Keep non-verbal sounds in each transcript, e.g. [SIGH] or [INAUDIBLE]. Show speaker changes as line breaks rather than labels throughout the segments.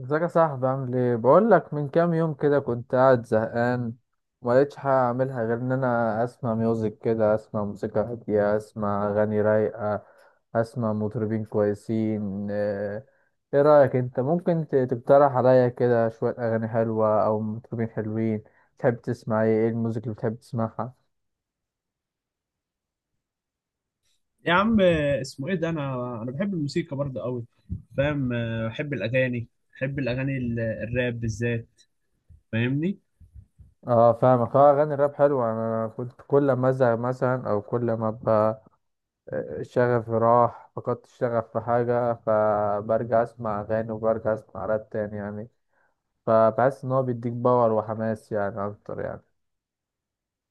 ازيك يا صاحبي؟ عامل ايه؟ بقول لك، من كام يوم كده كنت قاعد زهقان وما لقيتش حاجه اعملها غير ان انا اسمع ميوزك، كده اسمع موسيقى هاديه، اسمع اغاني رايقه، اسمع مطربين كويسين. ايه رايك؟ انت ممكن تقترح عليا كده شويه اغاني حلوه او مطربين حلوين؟ تحب تسمع ايه الموسيقى اللي بتحب تسمعها؟
يا عم، اسمه ايه ده؟ انا بحب الموسيقى برضه قوي. فاهم؟ بحب الاغاني، بحب الاغاني الراب بالذات. فاهمني؟
اه، فاهمك. اه، اغاني الراب حلوه. انا كنت كل ما ازهق مثلا او كل ما ابقى شغفي راح، فقدت الشغف في حاجة، فبرجع أسمع أغاني وبرجع أسمع راب تاني يعني. فبحس إن هو بيديك باور وحماس يعني أكتر يعني.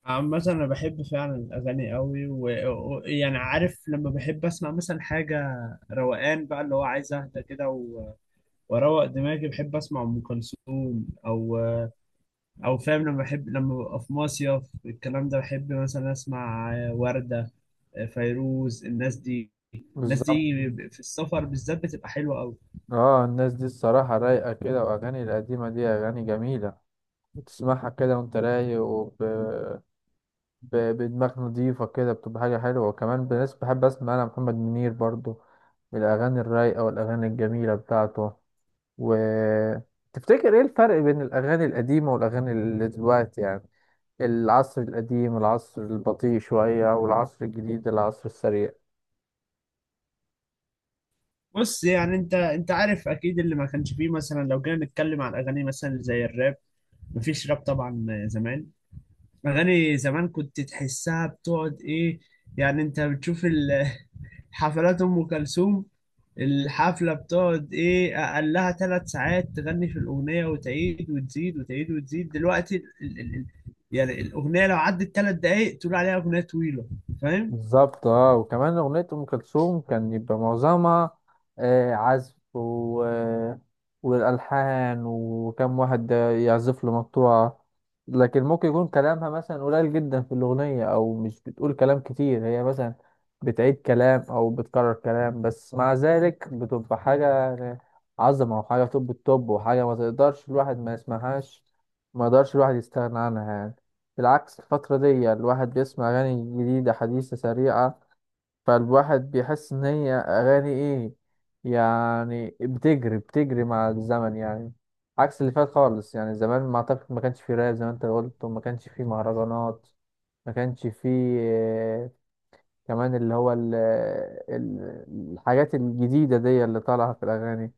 عامة انا بحب فعلا الاغاني قوي، ويعني عارف لما بحب اسمع مثلا حاجة روقان بقى اللي هو عايز اهدى كده واروق دماغي، بحب اسمع ام كلثوم او فاهم؟ لما بحب لما ببقى في مصيف الكلام ده بحب مثلا اسمع وردة، فيروز. الناس دي، الناس
بالظبط.
دي في السفر بالذات بتبقى حلوة قوي.
اه، الناس دي الصراحة رايقة كده، وأغاني القديمة دي أغاني جميلة. بتسمعها كده وأنت رايق بدماغ نضيفة كده، بتبقى حاجة حلوة. وكمان بالناس بحب أسمع أنا محمد منير برضو، الأغاني الرايقة والأغاني الجميلة بتاعته. وتفتكر ايه الفرق بين الاغاني القديمه والاغاني اللي دلوقتي يعني؟ العصر القديم العصر البطيء شويه، والعصر الجديد العصر السريع.
بص، يعني انت عارف اكيد اللي ما كانش فيه. مثلا لو جينا نتكلم عن اغاني مثلا زي الراب، مفيش راب طبعا زمان. اغاني زمان كنت تحسها بتقعد ايه، يعني انت بتشوف [LAUGHS] حفلات ام كلثوم، الحفله بتقعد ايه، اقلها ثلاث ساعات تغني في الاغنيه وتعيد وتزيد وتعيد وتزيد. دلوقتي ال ال ال يعني الاغنيه لو عدت ثلاث دقائق تقول عليها اغنيه طويله. فاهم؟
بالظبط. اه، وكمان أغنية أم كلثوم كان يبقى معظمها عزف و... آه، والألحان، وكم واحد يعزف له مقطوعة. لكن ممكن يكون كلامها مثلا قليل جدا في الأغنية، أو مش بتقول كلام كتير. هي مثلا بتعيد كلام أو بتكرر كلام، بس مع ذلك بتبقى حاجة يعني عظمة، وحاجة توب التوب، وحاجة ما تقدرش الواحد ما يسمعهاش، ما يقدرش الواحد يستغنى عنها يعني. بالعكس، الفترة دي الواحد بيسمع أغاني جديدة حديثة سريعة، فالواحد بيحس إن هي أغاني إيه يعني، بتجري بتجري مع الزمن يعني، عكس اللي فات خالص. يعني زمان ما أعتقد ما كانش فيه راب زي ما أنت قلت، وما كانش فيه مهرجانات، ما كانش فيه كمان اللي هو ال- الحاجات الجديدة دي اللي طالعة في الأغاني.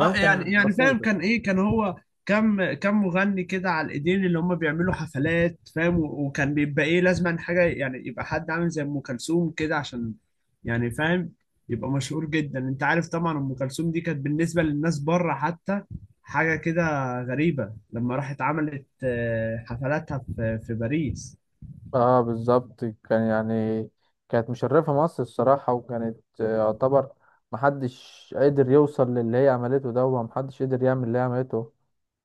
اه، يعني
كان بسيط.
فاهم، كان ايه، كان هو كم مغني كده على الايدين اللي هم بيعملوا حفلات، فاهم؟ وكان بيبقى ايه، لازم حاجه يعني يبقى حد عامل زي ام كلثوم كده عشان يعني فاهم، يبقى مشهور جدا. انت عارف طبعا ام كلثوم دي كانت بالنسبه للناس بره حتى حاجه كده غريبه، لما راحت عملت حفلاتها في باريس.
اه بالظبط، كان يعني كانت مشرفة مصر الصراحة. وكانت يعتبر محدش قدر يوصل للي هي عملته ده، ومحدش قدر يعمل اللي هي عملته.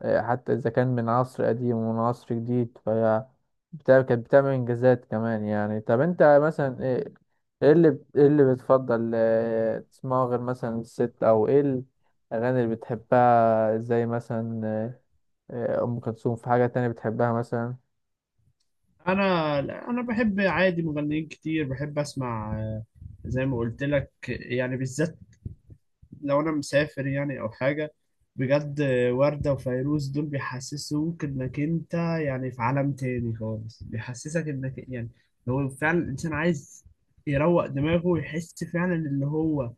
حتى إذا كان من عصر قديم ومن عصر جديد، فهي بتاع كانت بتعمل إنجازات كمان يعني. طب أنت مثلا إيه؟ إيه اللي بتفضل تسمعه غير مثلا الست؟ أو إيه الأغاني اللي بتحبها؟ زي مثلا أم كلثوم، في حاجة تانية بتحبها مثلا؟
انا لا، انا بحب عادي مغنيين كتير، بحب اسمع زي ما قلت لك. يعني بالذات لو انا مسافر يعني او حاجه، بجد وردة وفيروز دول بيحسسوك انك انت يعني في عالم تاني خالص. بيحسسك انك يعني هو فعلا الانسان عايز يروق دماغه ويحس فعلا اللي هو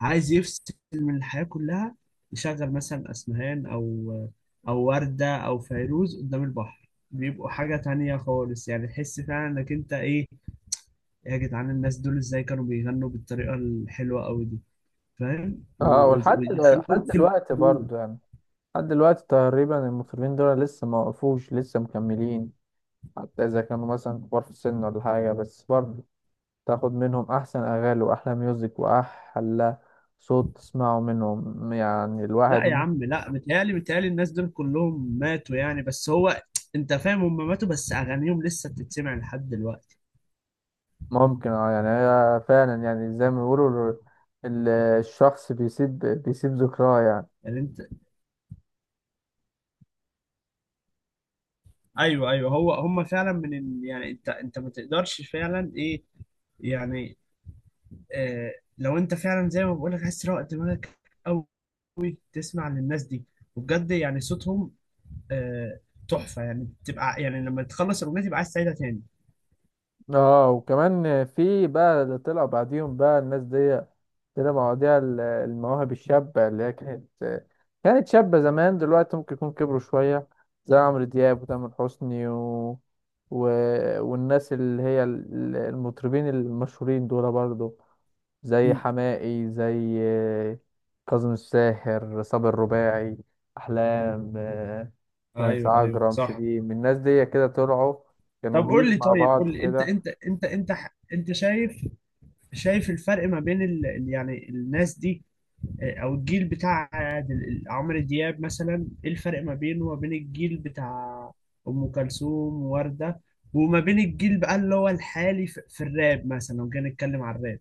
عايز يفصل من الحياة كلها. يشغل مثلا اسمهان او وردة او فيروز قدام البحر، بيبقوا حاجة تانية خالص، يعني تحس فعلا انك انت ايه. يا جدعان الناس دول ازاي كانوا بيغنوا بالطريقة الحلوة قوي دي؟ فاهم؟
اه، لحد
ويدخلوك في
دلوقتي
المود.
برضو يعني، لحد دلوقتي تقريبا المطربين دول لسه ما وقفوش، لسه مكملين. حتى اذا كانوا مثلا كبار في السن ولا حاجه، بس برضو تاخد منهم احسن اغاني واحلى ميوزك واحلى صوت تسمعه منهم يعني.
لا يا عم، لا، متهيألي متهيألي الناس دول كلهم ماتوا يعني، بس هو انت فاهم، هم ماتوا بس اغانيهم لسه بتتسمع لحد دلوقتي.
ممكن اه، يعني هي فعلا يعني زي ما بيقولوا، الشخص بيسيب بيسيب ذكراه يعني.
يعني انت، ايوه ايوه، هو هم فعلا من يعني انت ما تقدرش فعلا ايه يعني. آه، لو انت فعلا زي ما بقول لك عايز تروق دماغك قوي، تسمع للناس دي، وبجد يعني صوتهم آه تحفة. يعني تبقى يعني لما تخلص الاغنية تبقى عايز تعيدها تاني.
اه وكمان في بقى اللي طلع بعديهم بقى الناس دي، طلع مواضيع المواهب الشابة اللي هي كانت كانت شابة زمان، دلوقتي ممكن يكون كبروا شوية، زي عمرو دياب وتامر حسني و... والناس اللي هي المطربين المشهورين دول برضو، زي
م-
حماقي، زي كاظم الساهر، صابر الرباعي، أحلام، نانسي
ايوه ايوه
عجرم،
صح.
شيرين. الناس دي كده طلعوا،
طب
كانوا
قول لي،
جيل مع
طيب قول
بعض
لي انت،
كده.
انت انت شايف، شايف الفرق ما بين يعني الناس دي، اه، او الجيل بتاع عمرو دياب مثلا، ايه الفرق ما بينه وما بين الجيل بتاع ام كلثوم ووردة، وما بين الجيل بقى اللي هو الحالي في, في الراب مثلا لو جينا نتكلم عن الراب؟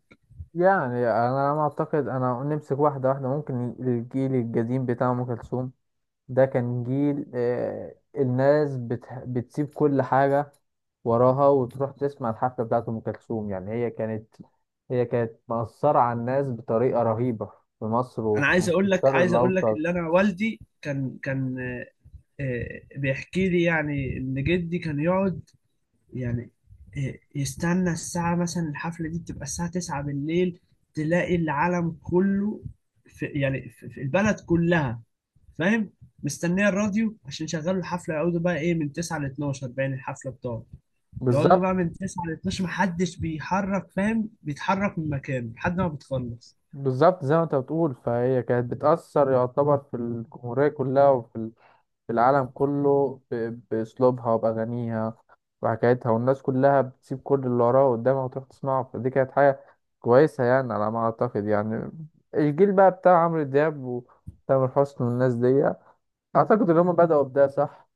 يعني انا ما اعتقد، انا نمسك واحده واحده. ممكن الجيل القديم بتاع ام كلثوم ده كان جيل الناس بتسيب كل حاجه وراها وتروح تسمع الحفله بتاعت ام كلثوم، يعني هي كانت هي كانت مأثره على الناس بطريقه رهيبه في مصر،
انا عايز
وكان في
اقول لك،
الشرق
عايز اقول لك
الاوسط.
اللي انا والدي كان اه، بيحكي لي يعني ان جدي كان يقعد يعني يستنى الساعة، مثلا الحفلة دي بتبقى الساعة 9 بالليل، تلاقي العالم كله في يعني في البلد كلها، فاهم؟ مستنية الراديو عشان يشغلوا الحفلة، يقعدوا بقى ايه من 9 ل 12 باين الحفلة بتاعته. يقعدوا
بالظبط.
بقى من 9 ل 12 محدش بيحرك، فاهم؟ بيتحرك من مكانه لحد ما بتخلص.
بالظبط زي ما انت بتقول، فهي كانت بتأثر يعتبر في الجمهوريه كلها وفي في العالم كله بأسلوبها وبأغانيها وحكايتها، والناس كلها بتسيب كل اللي وراها قدامها وتروح تسمعه. فدي كانت حاجة كويسة يعني، على ما أعتقد يعني. الجيل بقى بتاع عمرو دياب وتامر حسني والناس دي، أعتقد إن هم بدأوا بده صح،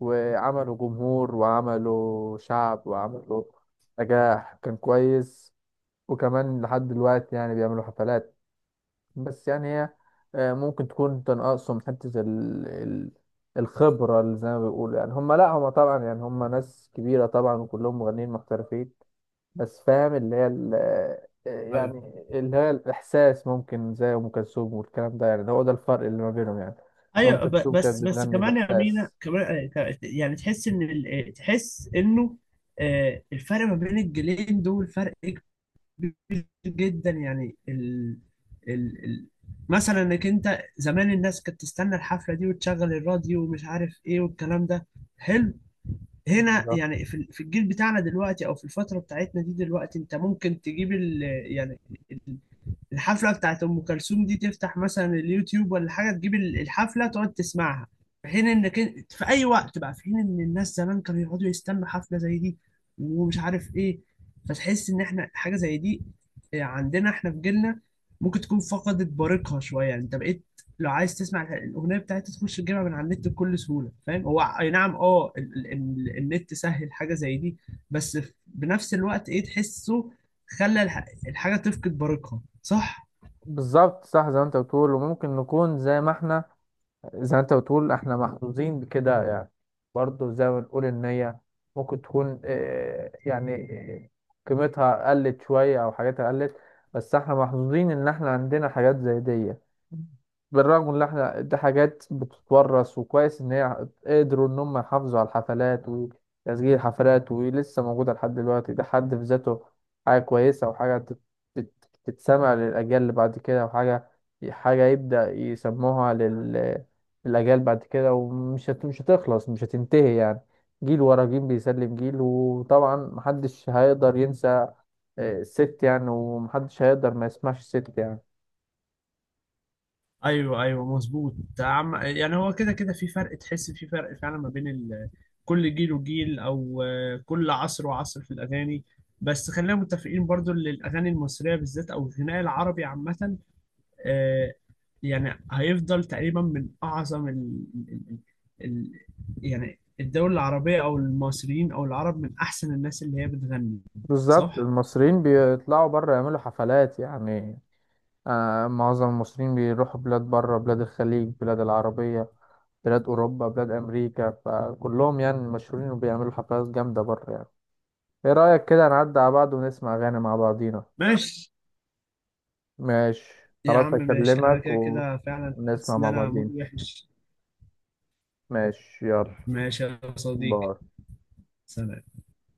وعملوا جمهور وعملوا شعب وعملوا نجاح كان كويس. وكمان لحد دلوقتي يعني بيعملوا حفلات. بس يعني هي ممكن تكون تنقصهم حتة الخبرة، اللي زي ما بيقولوا يعني. هم لا، هم طبعا يعني هم ناس كبيرة طبعا، وكلهم مغنيين محترفين. بس فاهم اللي هي ال... آه،
ايوه
يعني اللي هي الإحساس، ممكن زي أم كلثوم والكلام ده، يعني هو ده الفرق اللي ما بينهم يعني، إن أم
ايوه،
كلثوم
بس
كانت
بس
بتغني
كمان يا مينا
بإحساس.
كمان يعني تحس ان تحس انه الفرق ما بين الجيلين دول فرق جدا. يعني ال... ال... مثلا انك انت زمان الناس كانت تستنى الحفله دي وتشغل الراديو ومش عارف ايه والكلام ده حلو. هنا
بالظبط.
يعني في في الجيل بتاعنا دلوقتي او في الفتره بتاعتنا دي دلوقتي، انت ممكن تجيب يعني الحفلة بتاعت أم كلثوم دي تفتح مثلا اليوتيوب ولا حاجة، تجيب الحفلة تقعد تسمعها في حين في أي وقت بقى، في حين إن الناس زمان كانوا يقعدوا يستنوا حفلة زي دي ومش عارف إيه. فتحس إن إحنا حاجة زي دي عندنا إحنا في جيلنا ممكن تكون فقدت بريقها شوية، يعني أنت بقيت لو عايز تسمع الأغنية بتاعتها تخش تجيبها من على النت بكل سهولة. فاهم؟ هو أي نعم، أه، النت سهل حاجة زي دي، بس بنفس الوقت إيه تحسه خلى الحاجة تفقد بريقها، صح؟
بالظبط صح، زي ما أنت بتقول. وممكن نكون زي ما إحنا، زي ما انت بتقول احنا محظوظين بكده يعني. برضه زي ما بنقول، ان هي ممكن تكون آه، قيمتها قلت شوية او حاجاتها قلت، بس احنا محظوظين ان احنا عندنا حاجات زي دي. بالرغم ان احنا دي حاجات بتتورث، وكويس ان هي قدروا ان هم يحافظوا على الحفلات، وتسجيل الحفلات ولسه موجودة لحد دلوقتي. ده حد في ذاته حاجة كويسة، وحاجة تتسمع للأجيال اللي بعد كده، وحاجة حاجة يبدأ يسموها الأجيال بعد كده. مش هتخلص، مش هتنتهي يعني. جيل ورا جيل بيسلم جيل. وطبعا محدش هيقدر ينسى الست يعني، ومحدش هيقدر ما يسمعش الست يعني.
ايوه ايوه مظبوط عم. يعني هو كده كده في فرق، تحس في فرق فعلا ما بين كل جيل وجيل او كل عصر وعصر في الاغاني. بس خلينا متفقين برضو ان الاغاني المصريه بالذات او الغناء العربي عامه آه، يعني هيفضل تقريبا من اعظم ال... ال... يعني الدول العربيه او المصريين او العرب من احسن الناس اللي هي بتغني.
بالظبط،
صح؟
المصريين بيطلعوا بره يعملوا حفلات يعني. آه، معظم المصريين بيروحوا بلاد بره، بلاد الخليج، بلاد العربية، بلاد أوروبا، بلاد أمريكا، فكلهم يعني مشهورين وبيعملوا حفلات جامدة بره يعني. إيه رأيك كده نعدي على بعض ونسمع أغاني مع بعضينا؟
ماشي،
ماشي
يا
خلاص،
عم ماشي، انا
أكلمك.
كده كده فعلا حاسس
ونسمع
ان
مع
انا مود
بعضين.
وحش.
ماشي، يلا،
ماشي يا صديقي.
باي.
سلام.